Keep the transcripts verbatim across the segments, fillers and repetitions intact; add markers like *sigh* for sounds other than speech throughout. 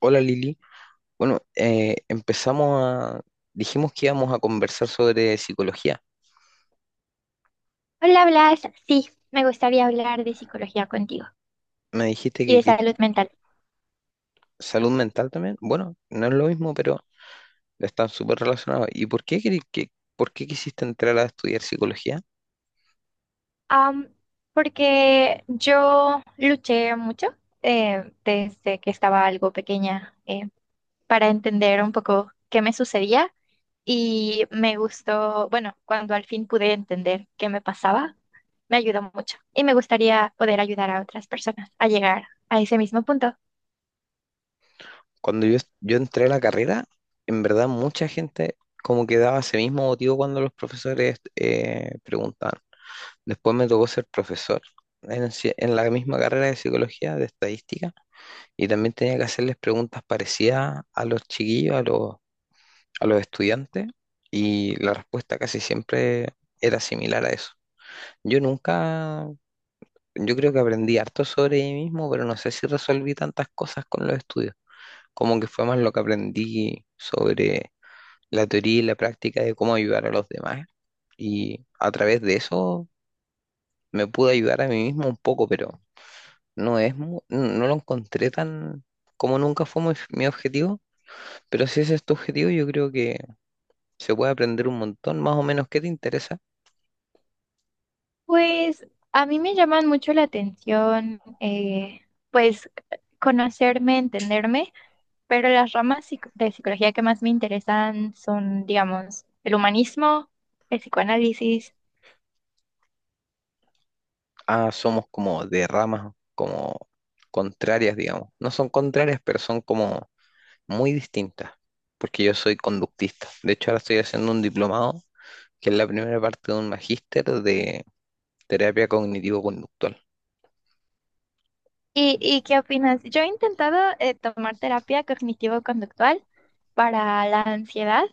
Hola, Lili. Bueno, eh, empezamos a... Dijimos que íbamos a conversar sobre psicología. Hola, Blas. Sí, me gustaría hablar de psicología contigo Me dijiste y que, de que- salud mental. salud mental también. Bueno, no es lo mismo, pero están súper relacionados. ¿Y por qué, queri- que, por qué quisiste entrar a estudiar psicología? Am, Porque yo luché mucho eh, desde que estaba algo pequeña eh, para entender un poco qué me sucedía y me gustó, bueno, cuando al fin pude entender qué me pasaba, me ayudó mucho y me gustaría poder ayudar a otras personas a llegar a ese mismo punto. Cuando yo, yo entré a la carrera, en verdad mucha gente como que daba ese mismo motivo cuando los profesores eh, preguntaban. Después me tocó ser profesor en, ci- en la misma carrera de psicología, de estadística. Y también tenía que hacerles preguntas parecidas a los chiquillos, a los, a los estudiantes, y la respuesta casi siempre era similar a eso. Yo nunca, yo creo que aprendí harto sobre mí mismo, pero no sé si resolví tantas cosas con los estudios. Como que fue más lo que aprendí sobre la teoría y la práctica de cómo ayudar a los demás. Y a través de eso me pude ayudar a mí mismo un poco, pero no es, mu- no lo encontré tan, como nunca fue mi mi objetivo. Pero si ese es tu objetivo, yo creo que se puede aprender un montón. Más o menos, ¿qué te interesa? Pues a mí me llaman mucho la atención, eh, pues conocerme, entenderme, pero las ramas psic- de psicología que más me interesan son, digamos, el humanismo, el psicoanálisis. Ah, somos como de ramas, como contrarias, digamos. No son contrarias, pero son como muy distintas, porque yo soy conductista. De hecho, ahora estoy haciendo un diplomado, que es la primera parte de un magíster de terapia cognitivo-conductual. ¿Y, y qué opinas? Yo he intentado eh, tomar terapia cognitivo-conductual para la ansiedad,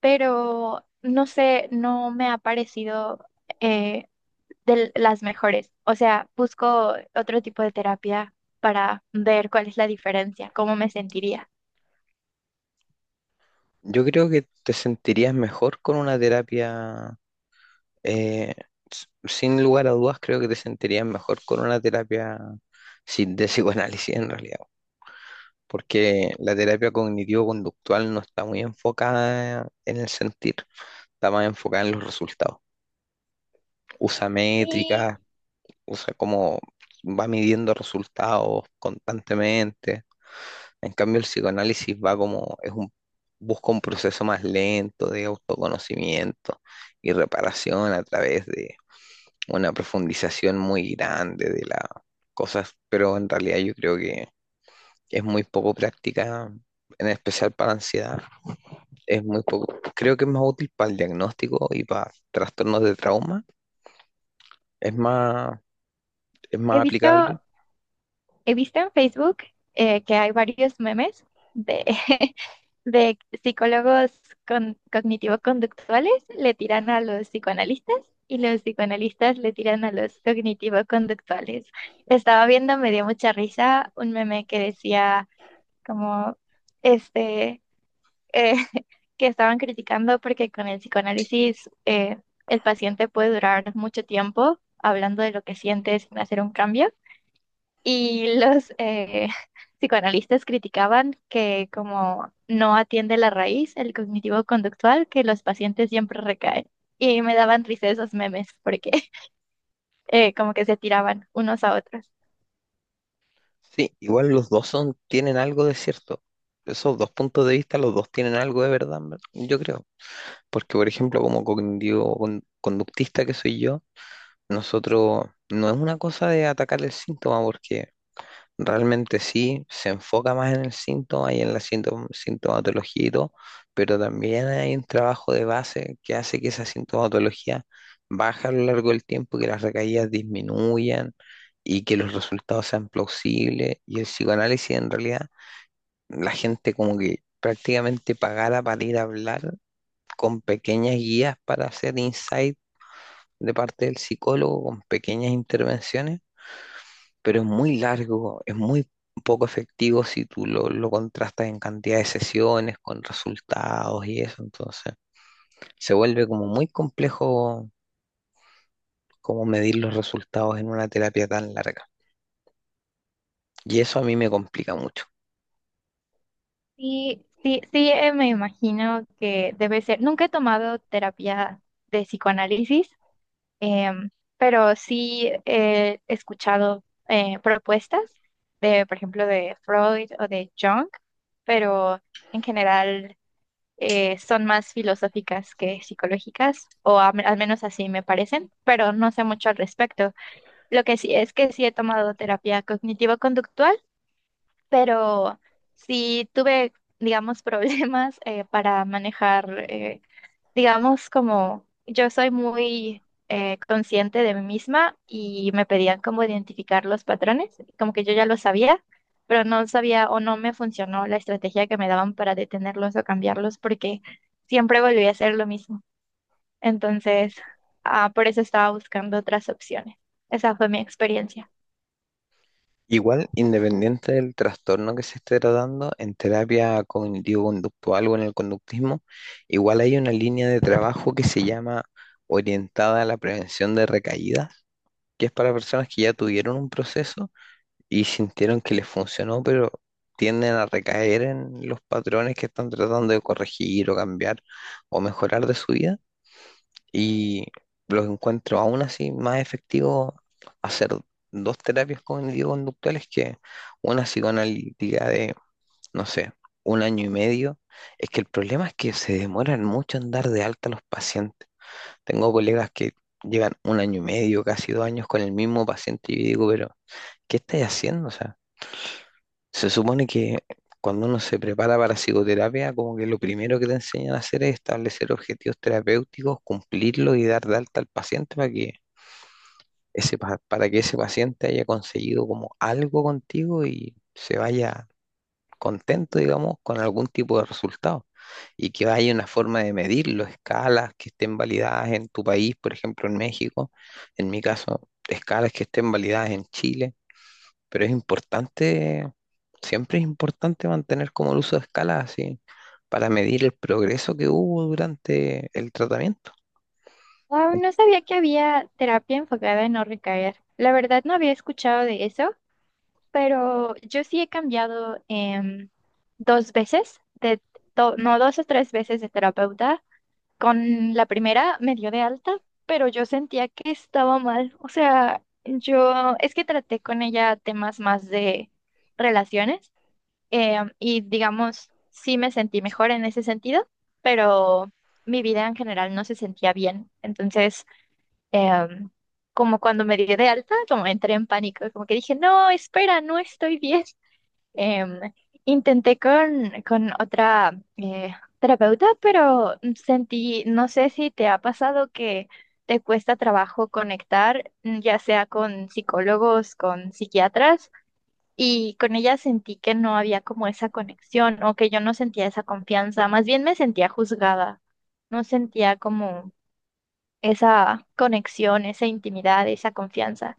pero no sé, no me ha parecido... eh, de las mejores. O sea, busco otro tipo de terapia para ver cuál es la diferencia, cómo me sentiría. Yo creo que te sentirías mejor con una terapia, eh, s- sin lugar a dudas, creo que te sentirías mejor con una terapia sin de psicoanálisis en realidad. Porque la terapia cognitivo-conductual no está muy enfocada en el sentir, está más enfocada en los resultados. Usa Sí, métricas, usa cómo va midiendo resultados constantemente. En cambio, el psicoanálisis va como, es un, busca un proceso más lento de autoconocimiento y reparación a través de una profundización muy grande de las cosas, pero en realidad yo creo que es muy poco práctica, en especial para ansiedad. Es muy poco, creo que es más útil para el diagnóstico y para trastornos de trauma, es más, es he más aplicable. visto, he visto en Facebook eh, que hay varios memes de, *laughs* de psicólogos con- cognitivo-conductuales le tiran a los psicoanalistas y los psicoanalistas le tiran a los cognitivo-conductuales. Estaba viendo, me dio mucha risa, un meme que decía como, este, eh, *laughs* que estaban criticando porque con el psicoanálisis eh, el paciente puede durar mucho tiempo hablando de lo que siente sin hacer un cambio. Y los eh, *laughs* psicoanalistas criticaban que como no atiende la raíz, el cognitivo conductual, que los pacientes siempre recaen. Y me daban risa esos memes porque *laughs* eh, como que se tiraban unos a otros. Sí, igual los dos son, tienen algo de cierto. Esos dos puntos de vista, los dos tienen algo de verdad, en ver- yo creo. Porque, por ejemplo, como cognitivo con- conductista que soy yo, nosotros no es una cosa de atacar el síntoma, porque realmente sí, se enfoca más en el síntoma y en la sintom- sintomatología y todo, pero también hay un trabajo de base que hace que esa sintomatología baje a lo largo del tiempo, que las recaídas disminuyan y que los resultados sean plausibles. Y el psicoanálisis en realidad, la gente como que prácticamente pagara para ir a hablar con pequeñas guías para hacer insight de parte del psicólogo, con pequeñas intervenciones, pero es muy largo, es muy poco efectivo si tú lo, lo contrastas en cantidad de sesiones, con resultados y eso. Entonces se vuelve como muy complejo como medir los resultados en una terapia tan larga. Y eso a mí me complica mucho. Sí, sí, sí, eh, me imagino que debe ser. Nunca he tomado terapia de psicoanálisis, Em, pero sí he escuchado eh, propuestas de, por ejemplo, de Freud o de Jung, pero en general eh, son más filosóficas que psicológicas, o a- al menos así me parecen, pero no sé mucho al respecto. Lo que sí es que sí he tomado terapia cognitivo-conductual, pero sí tuve, digamos, *laughs* problemas eh, para manejar. Eh, digamos, como yo soy muy eh, consciente de mí misma y me pedían como identificar los patrones, como que yo ya lo sabía, pero no sabía o no me funcionó la estrategia que me daban para detenerlos o cambiarlos porque siempre volví a hacer lo mismo. Entonces, ah, por eso estaba buscando otras opciones. Esa fue mi experiencia. Igual, independiente del trastorno que se esté tratando, en terapia cognitivo-conductual o en el conductismo, igual hay una línea de trabajo que se llama orientada a la prevención de recaídas, que es para personas que ya tuvieron un proceso y sintieron que les funcionó, pero tienden a recaer en los patrones que están tratando de corregir o cambiar o mejorar de su vida, y los encuentro aún así más efectivo hacer dos terapias cognitivo-conductuales que una psicoanalítica de, no sé, un año y medio. Es que el problema es que se demoran mucho en dar de alta a los pacientes. Tengo colegas que llevan un año y medio, casi dos años con el mismo paciente y yo digo, pero ¿qué estáis haciendo? Se supone que cuando uno se prepara para psicoterapia, como que lo primero que te enseñan a hacer es establecer objetivos terapéuticos, cumplirlos y dar de alta al paciente, para que ese, pa- para que ese paciente haya conseguido como algo contigo y se vaya contento, digamos, con algún tipo de resultado. Y que haya una forma de medirlo, escalas que estén validadas en tu país, por ejemplo, en México, en mi caso, escalas que estén validadas en Chile. Pero es importante, siempre es importante mantener como el uso de escala así, para medir el progreso que hubo durante el tratamiento. Wow, no sabía que había terapia enfocada en no recaer. La verdad no había escuchado de eso. Pero yo sí he cambiado em, dos veces, de, do- no dos o tres veces de terapeuta. Con la primera me dio de alta, pero yo sentía que estaba mal. O sea, yo es que traté con ella temas más de relaciones em, y digamos, sí me sentí mejor en ese sentido, pero mi vida en general no se sentía bien. Entonces, em, como cuando me dio de alta, como entré en pánico, como que dije, no, espera, no estoy bien. Em, Intenté con, con otra eh, terapeuta, pero mm, sentí, no sé si te ha pasado que te cuesta trabajo conectar, mm, ya sea con psicólogos, con psiquiatras, y con ella sentí que no había como esa conexión o que yo no sentía esa confianza, más bien me sentía juzgada, no sentía como esa conexión, esa intimidad, esa confianza.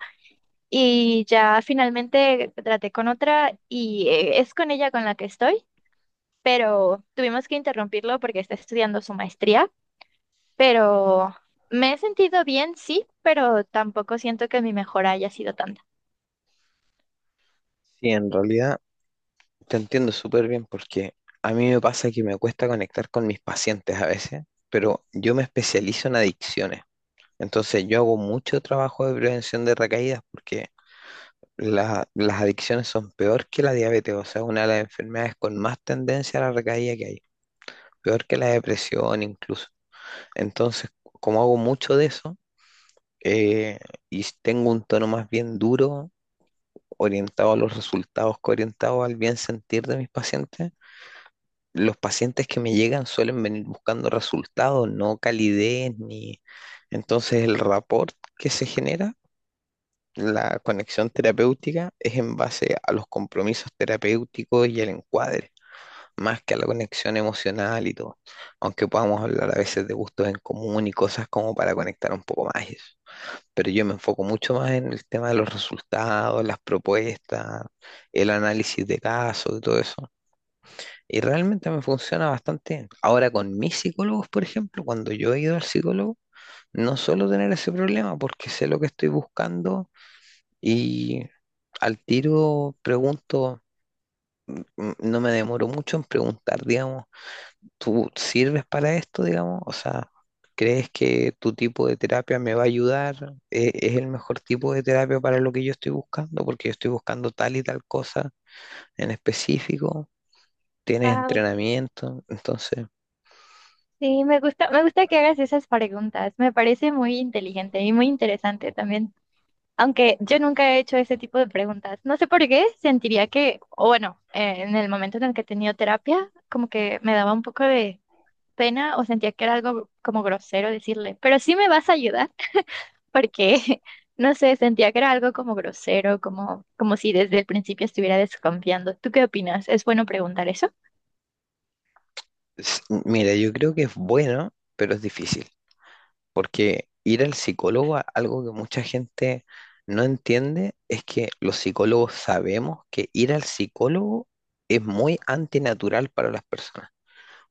Y ya finalmente traté con otra y eh, es con ella con la que estoy, pero tuvimos que interrumpirlo porque está estudiando su maestría, pero me he sentido bien, sí, pero tampoco siento que mi mejora haya sido tanta. Sí, en realidad te entiendo súper bien porque a mí me pasa que me cuesta conectar con mis pacientes a veces, pero yo me especializo en adicciones. Entonces yo hago mucho trabajo de prevención de recaídas porque la- las adicciones son peor que la diabetes, o sea, una de las enfermedades con más tendencia a la recaída que hay, peor que la depresión incluso. Entonces, como hago mucho de eso, eh, y tengo un tono más bien duro, orientado a los resultados, que orientado al bien sentir de mis pacientes, los pacientes que me llegan suelen venir buscando resultados, no calidez ni... Entonces, el rapport que se genera, la conexión terapéutica, es en base a los compromisos terapéuticos y el encuadre, más que a la conexión emocional y todo. Aunque podamos hablar a veces de gustos en común y cosas como para conectar un poco más. Eso. Pero yo me enfoco mucho más en el tema de los resultados, las propuestas, el análisis de casos y todo eso. Y realmente me funciona bastante bien. Ahora con mis psicólogos, por ejemplo, cuando yo he ido al psicólogo, no suelo tener ese problema porque sé lo que estoy buscando, y al tiro pregunto, mm, no me demoro mucho en preguntar, digamos: ¿Tú sirves para esto, digamos? O sea, ¿crees que tu tipo de terapia me va a ayudar? ¿E- ¿Es el mejor tipo de terapia para lo que yo estoy buscando? Porque yo estoy buscando tal y tal cosa en específico. ¿Tienes Wow, entrenamiento? Entonces, sí, me gusta, me gusta que hagas esas preguntas, me parece muy inteligente y muy interesante también. Aunque yo nunca he hecho ese tipo de preguntas. No sé por qué, sentiría que, o bueno, eh, en el momento en el que he tenido terapia, como que me daba un poco de pena o sentía que era algo como grosero decirle, pero sí me vas a ayudar, *laughs* porque, no sé, sentía que era algo como grosero, como, como si desde el principio estuviera desconfiando. ¿Tú qué opinas? ¿Es bueno preguntar eso? s- mira, yo creo que es bueno, pero es difícil. Porque ir al psicólogo, a- algo que mucha gente no entiende, es que los psicólogos sabemos que ir al psicólogo es muy antinatural para las personas.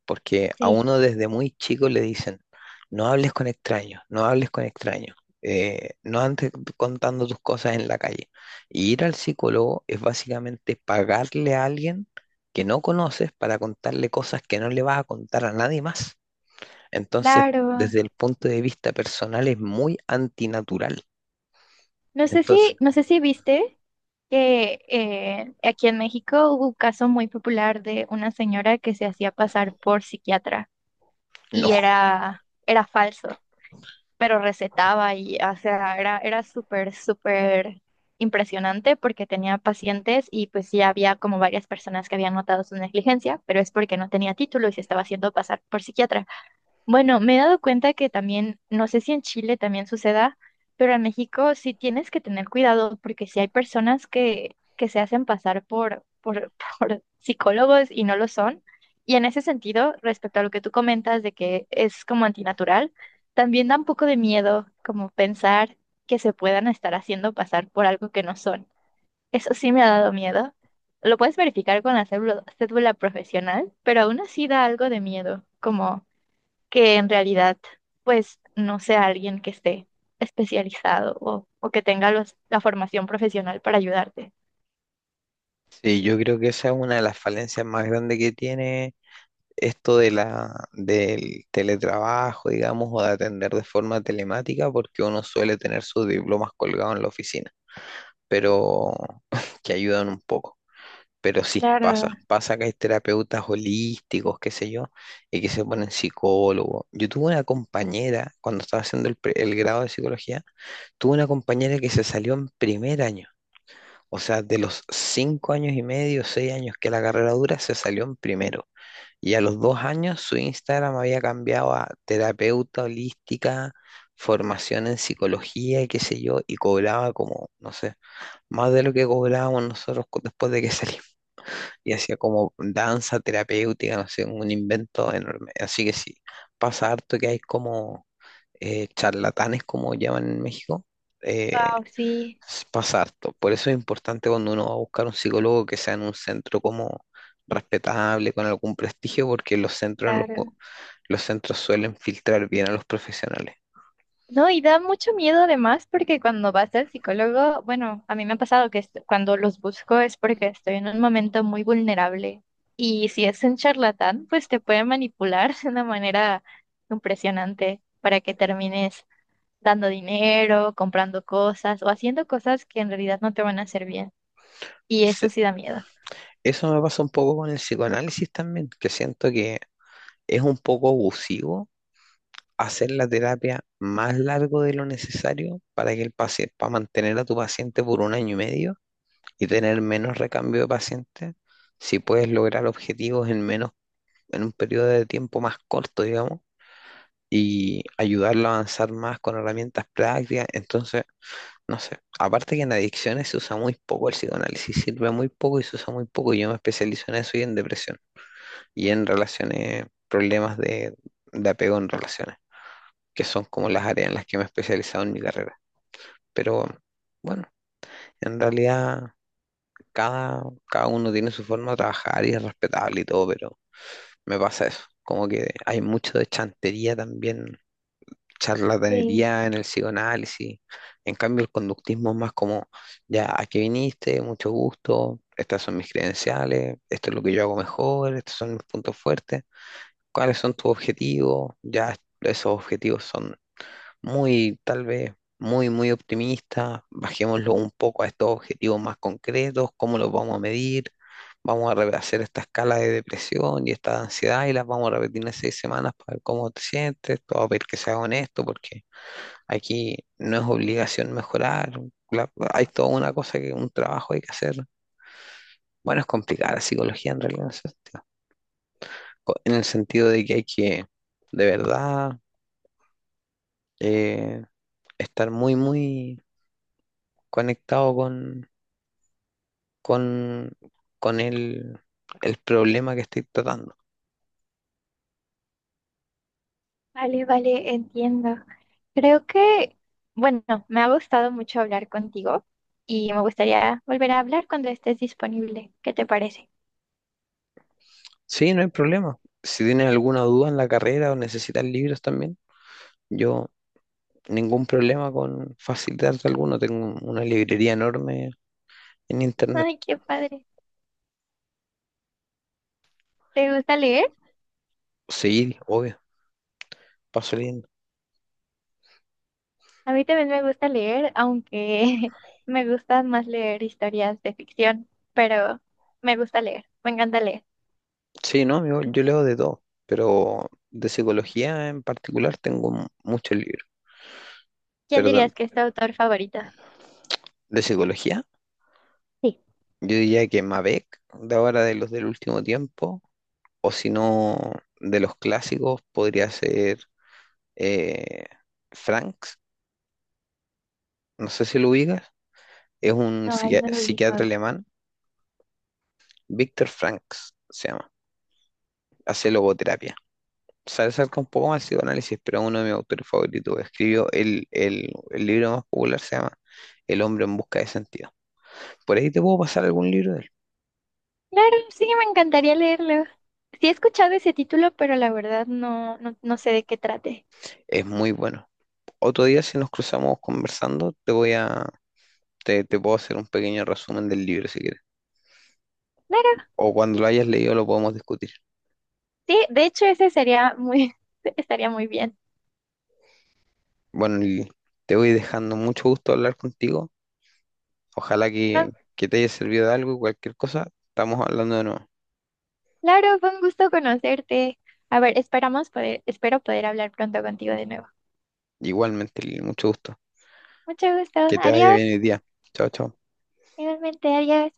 Porque a Sí, uno desde muy chico le dicen, no hables con extraños, no hables con extraños, eh, no andes contando tus cosas en la calle. Y ir al psicólogo es básicamente pagarle a alguien que no conoces para contarle cosas que no le vas a contar a nadie más. Entonces, claro. desde el punto de vista personal es muy antinatural. No sé Entonces, si, no sé si viste que eh, aquí en México hubo un caso muy popular de una señora que se hacía pasar por psiquiatra no, y era, era falso. Pero recetaba y, o sea, era, era súper, súper impresionante porque tenía pacientes y pues sí había como varias personas que habían notado su negligencia, pero es porque no tenía título y se estaba haciendo pasar por psiquiatra. Bueno, me he dado cuenta que también, no sé si en Chile también suceda, pero en México sí tienes que tener cuidado porque sí hay personas que, que se hacen pasar por, por, *laughs* por psicólogos y no lo son. Y en ese sentido, respecto a lo que tú comentas de que es como antinatural, también da un poco de miedo como pensar que se puedan estar haciendo pasar por algo que no son. Eso sí me ha dado miedo. Lo puedes verificar con la cédula, cédula profesional, pero aún así da algo de miedo, como que en realidad, pues, no sea alguien que esté especializado o, o que tenga los, la formación profesional para ayudarte. sí, yo creo que esa es una de las falencias más grandes que tiene esto de la, del teletrabajo, digamos, o de atender de forma telemática, porque uno suele tener sus diplomas colgados en la oficina, pero *laughs* que ayudan un poco. Pero sí, pasa, Claro, pasa que hay terapeutas holísticos, qué sé yo, y que se ponen psicólogos. Yo tuve una compañera, cuando estaba haciendo el, pre- el grado de psicología, tuve una compañera que se salió en primer año. O sea, de los cinco años y medio, seis años que la carrera dura, se salió en primero. Y a los dos años su Instagram había cambiado a terapeuta holística, formación en psicología y qué sé yo, y cobraba como, no sé, más de lo que cobrábamos nosotros cu- después de que *laughs* salimos. Y hacía como danza terapéutica, no sé, un invento enorme. Así que sí, pasa harto que hay como eh, charlatanes, como llaman en México. eh, wow, sí, s- pasa harto. Por eso es importante cuando uno va a buscar un psicólogo que sea en un centro como respetable, con algún prestigio, porque los centros en los, claro. los centros suelen filtrar bien a los profesionales. No, y da mucho miedo además porque cuando vas al psicólogo, bueno, a mí me ha pasado que est- cuando los busco es porque estoy en un momento muy vulnerable y si es un charlatán, pues te puede manipular *laughs* de una manera impresionante para que termines dando dinero, comprando cosas o haciendo cosas que en realidad no te van a hacer bien. Y eso Se- sí da miedo. Eso me pasa un poco con el psicoanálisis también, que siento que es un poco abusivo hacer la terapia más largo de lo necesario para que el paciente, para mantener a tu paciente por un año y medio y tener menos recambio de pacientes, si puedes lograr objetivos en menos, en un periodo de tiempo más corto, digamos, y ayudarlo a avanzar más con herramientas prácticas. Entonces, no sé. Aparte que en adicciones se usa muy poco el psicoanálisis, sirve muy poco y se usa muy poco. Yo me especializo en eso y en depresión y en relaciones, problemas de, de apego en relaciones, que son como las áreas en las que me he especializado en mi carrera. Pero bueno, en realidad cada, cada uno tiene su forma de trabajar y es respetable y todo, pero me pasa eso. Como que hay mucho de chantería también, Sí, charlatanería en el psicoanálisis. En cambio, el conductismo es más como, ya, aquí viniste, mucho gusto, estas son mis credenciales, esto es lo que yo hago mejor, estos son mis puntos fuertes, cuáles son tus objetivos, ya esos objetivos son muy, tal vez, muy, muy optimistas, bajémoslo un poco a estos objetivos más concretos, cómo los vamos a medir. Vamos a re- hacer esta escala de depresión y esta de ansiedad y las vamos a repetir en seis semanas para ver cómo te sientes, todo a ver que sea honesto, porque aquí no es obligación mejorar, la- hay toda una cosa que un trabajo hay que hacer. Bueno, es complicada la psicología en realidad en ese sentido. Co- En el sentido de que hay que, de verdad, eh, estar muy, muy conectado con, con, con el, el problema que estoy tratando. vale, vale, entiendo. Creo que, bueno, me ha gustado mucho hablar contigo y me gustaría volver a hablar cuando estés disponible. ¿Qué te parece? Sí, no hay problema. Si tienes alguna duda en la carrera o necesitas libros también, yo ningún problema con facilitarte alguno. Tengo una librería enorme en internet. Ay, qué padre. ¿Te gusta leer? Sí, obvio, paso leyendo. A mí también me gusta leer, aunque *laughs* me gusta más leer historias de ficción, pero me gusta leer, me encanta leer. Sí, no, yo, yo leo de todo, pero de psicología en particular tengo mu- muchos libros. ¿Quién Pero tam- dirías que es tu autor favorito? de psicología, Sí, yo diría que Mabec, de ahora de los del último tiempo, o si no, de los clásicos, podría ser eh, Franks, no sé si lo ubicas, es un no, ahí psiqui- no lo psiquiatra ubico. alemán, Viktor Franks se llama, hace logoterapia. Se acerca un poco más al psicoanálisis, pero uno de mis autores favoritos, escribió el, el, el libro más popular, se llama El hombre en busca de sentido. Por ahí te puedo pasar algún libro de él. Claro, sí, me encantaría leerlo. Sí he escuchado ese título, pero la verdad no, no, no sé de qué trate. Es muy bueno. Otro día, si nos cruzamos conversando, te voy a, te, te puedo hacer un pequeño resumen del libro si quieres. Claro, O cuando lo hayas leído lo podemos discutir. sí, de hecho ese sería muy, *laughs* estaría muy bien. Bueno, Lili, te voy dejando, mucho gusto hablar contigo. Ojalá Ah, que, que te haya servido de algo, y cualquier cosa, estamos hablando de nuevo. claro, fue un gusto conocerte. A ver, esperamos poder, espero poder hablar pronto contigo de nuevo. Igualmente, Lili, mucho gusto. Mucho gusto. Que te vaya Adiós. bien el día. Chao, chao. Igualmente, adiós.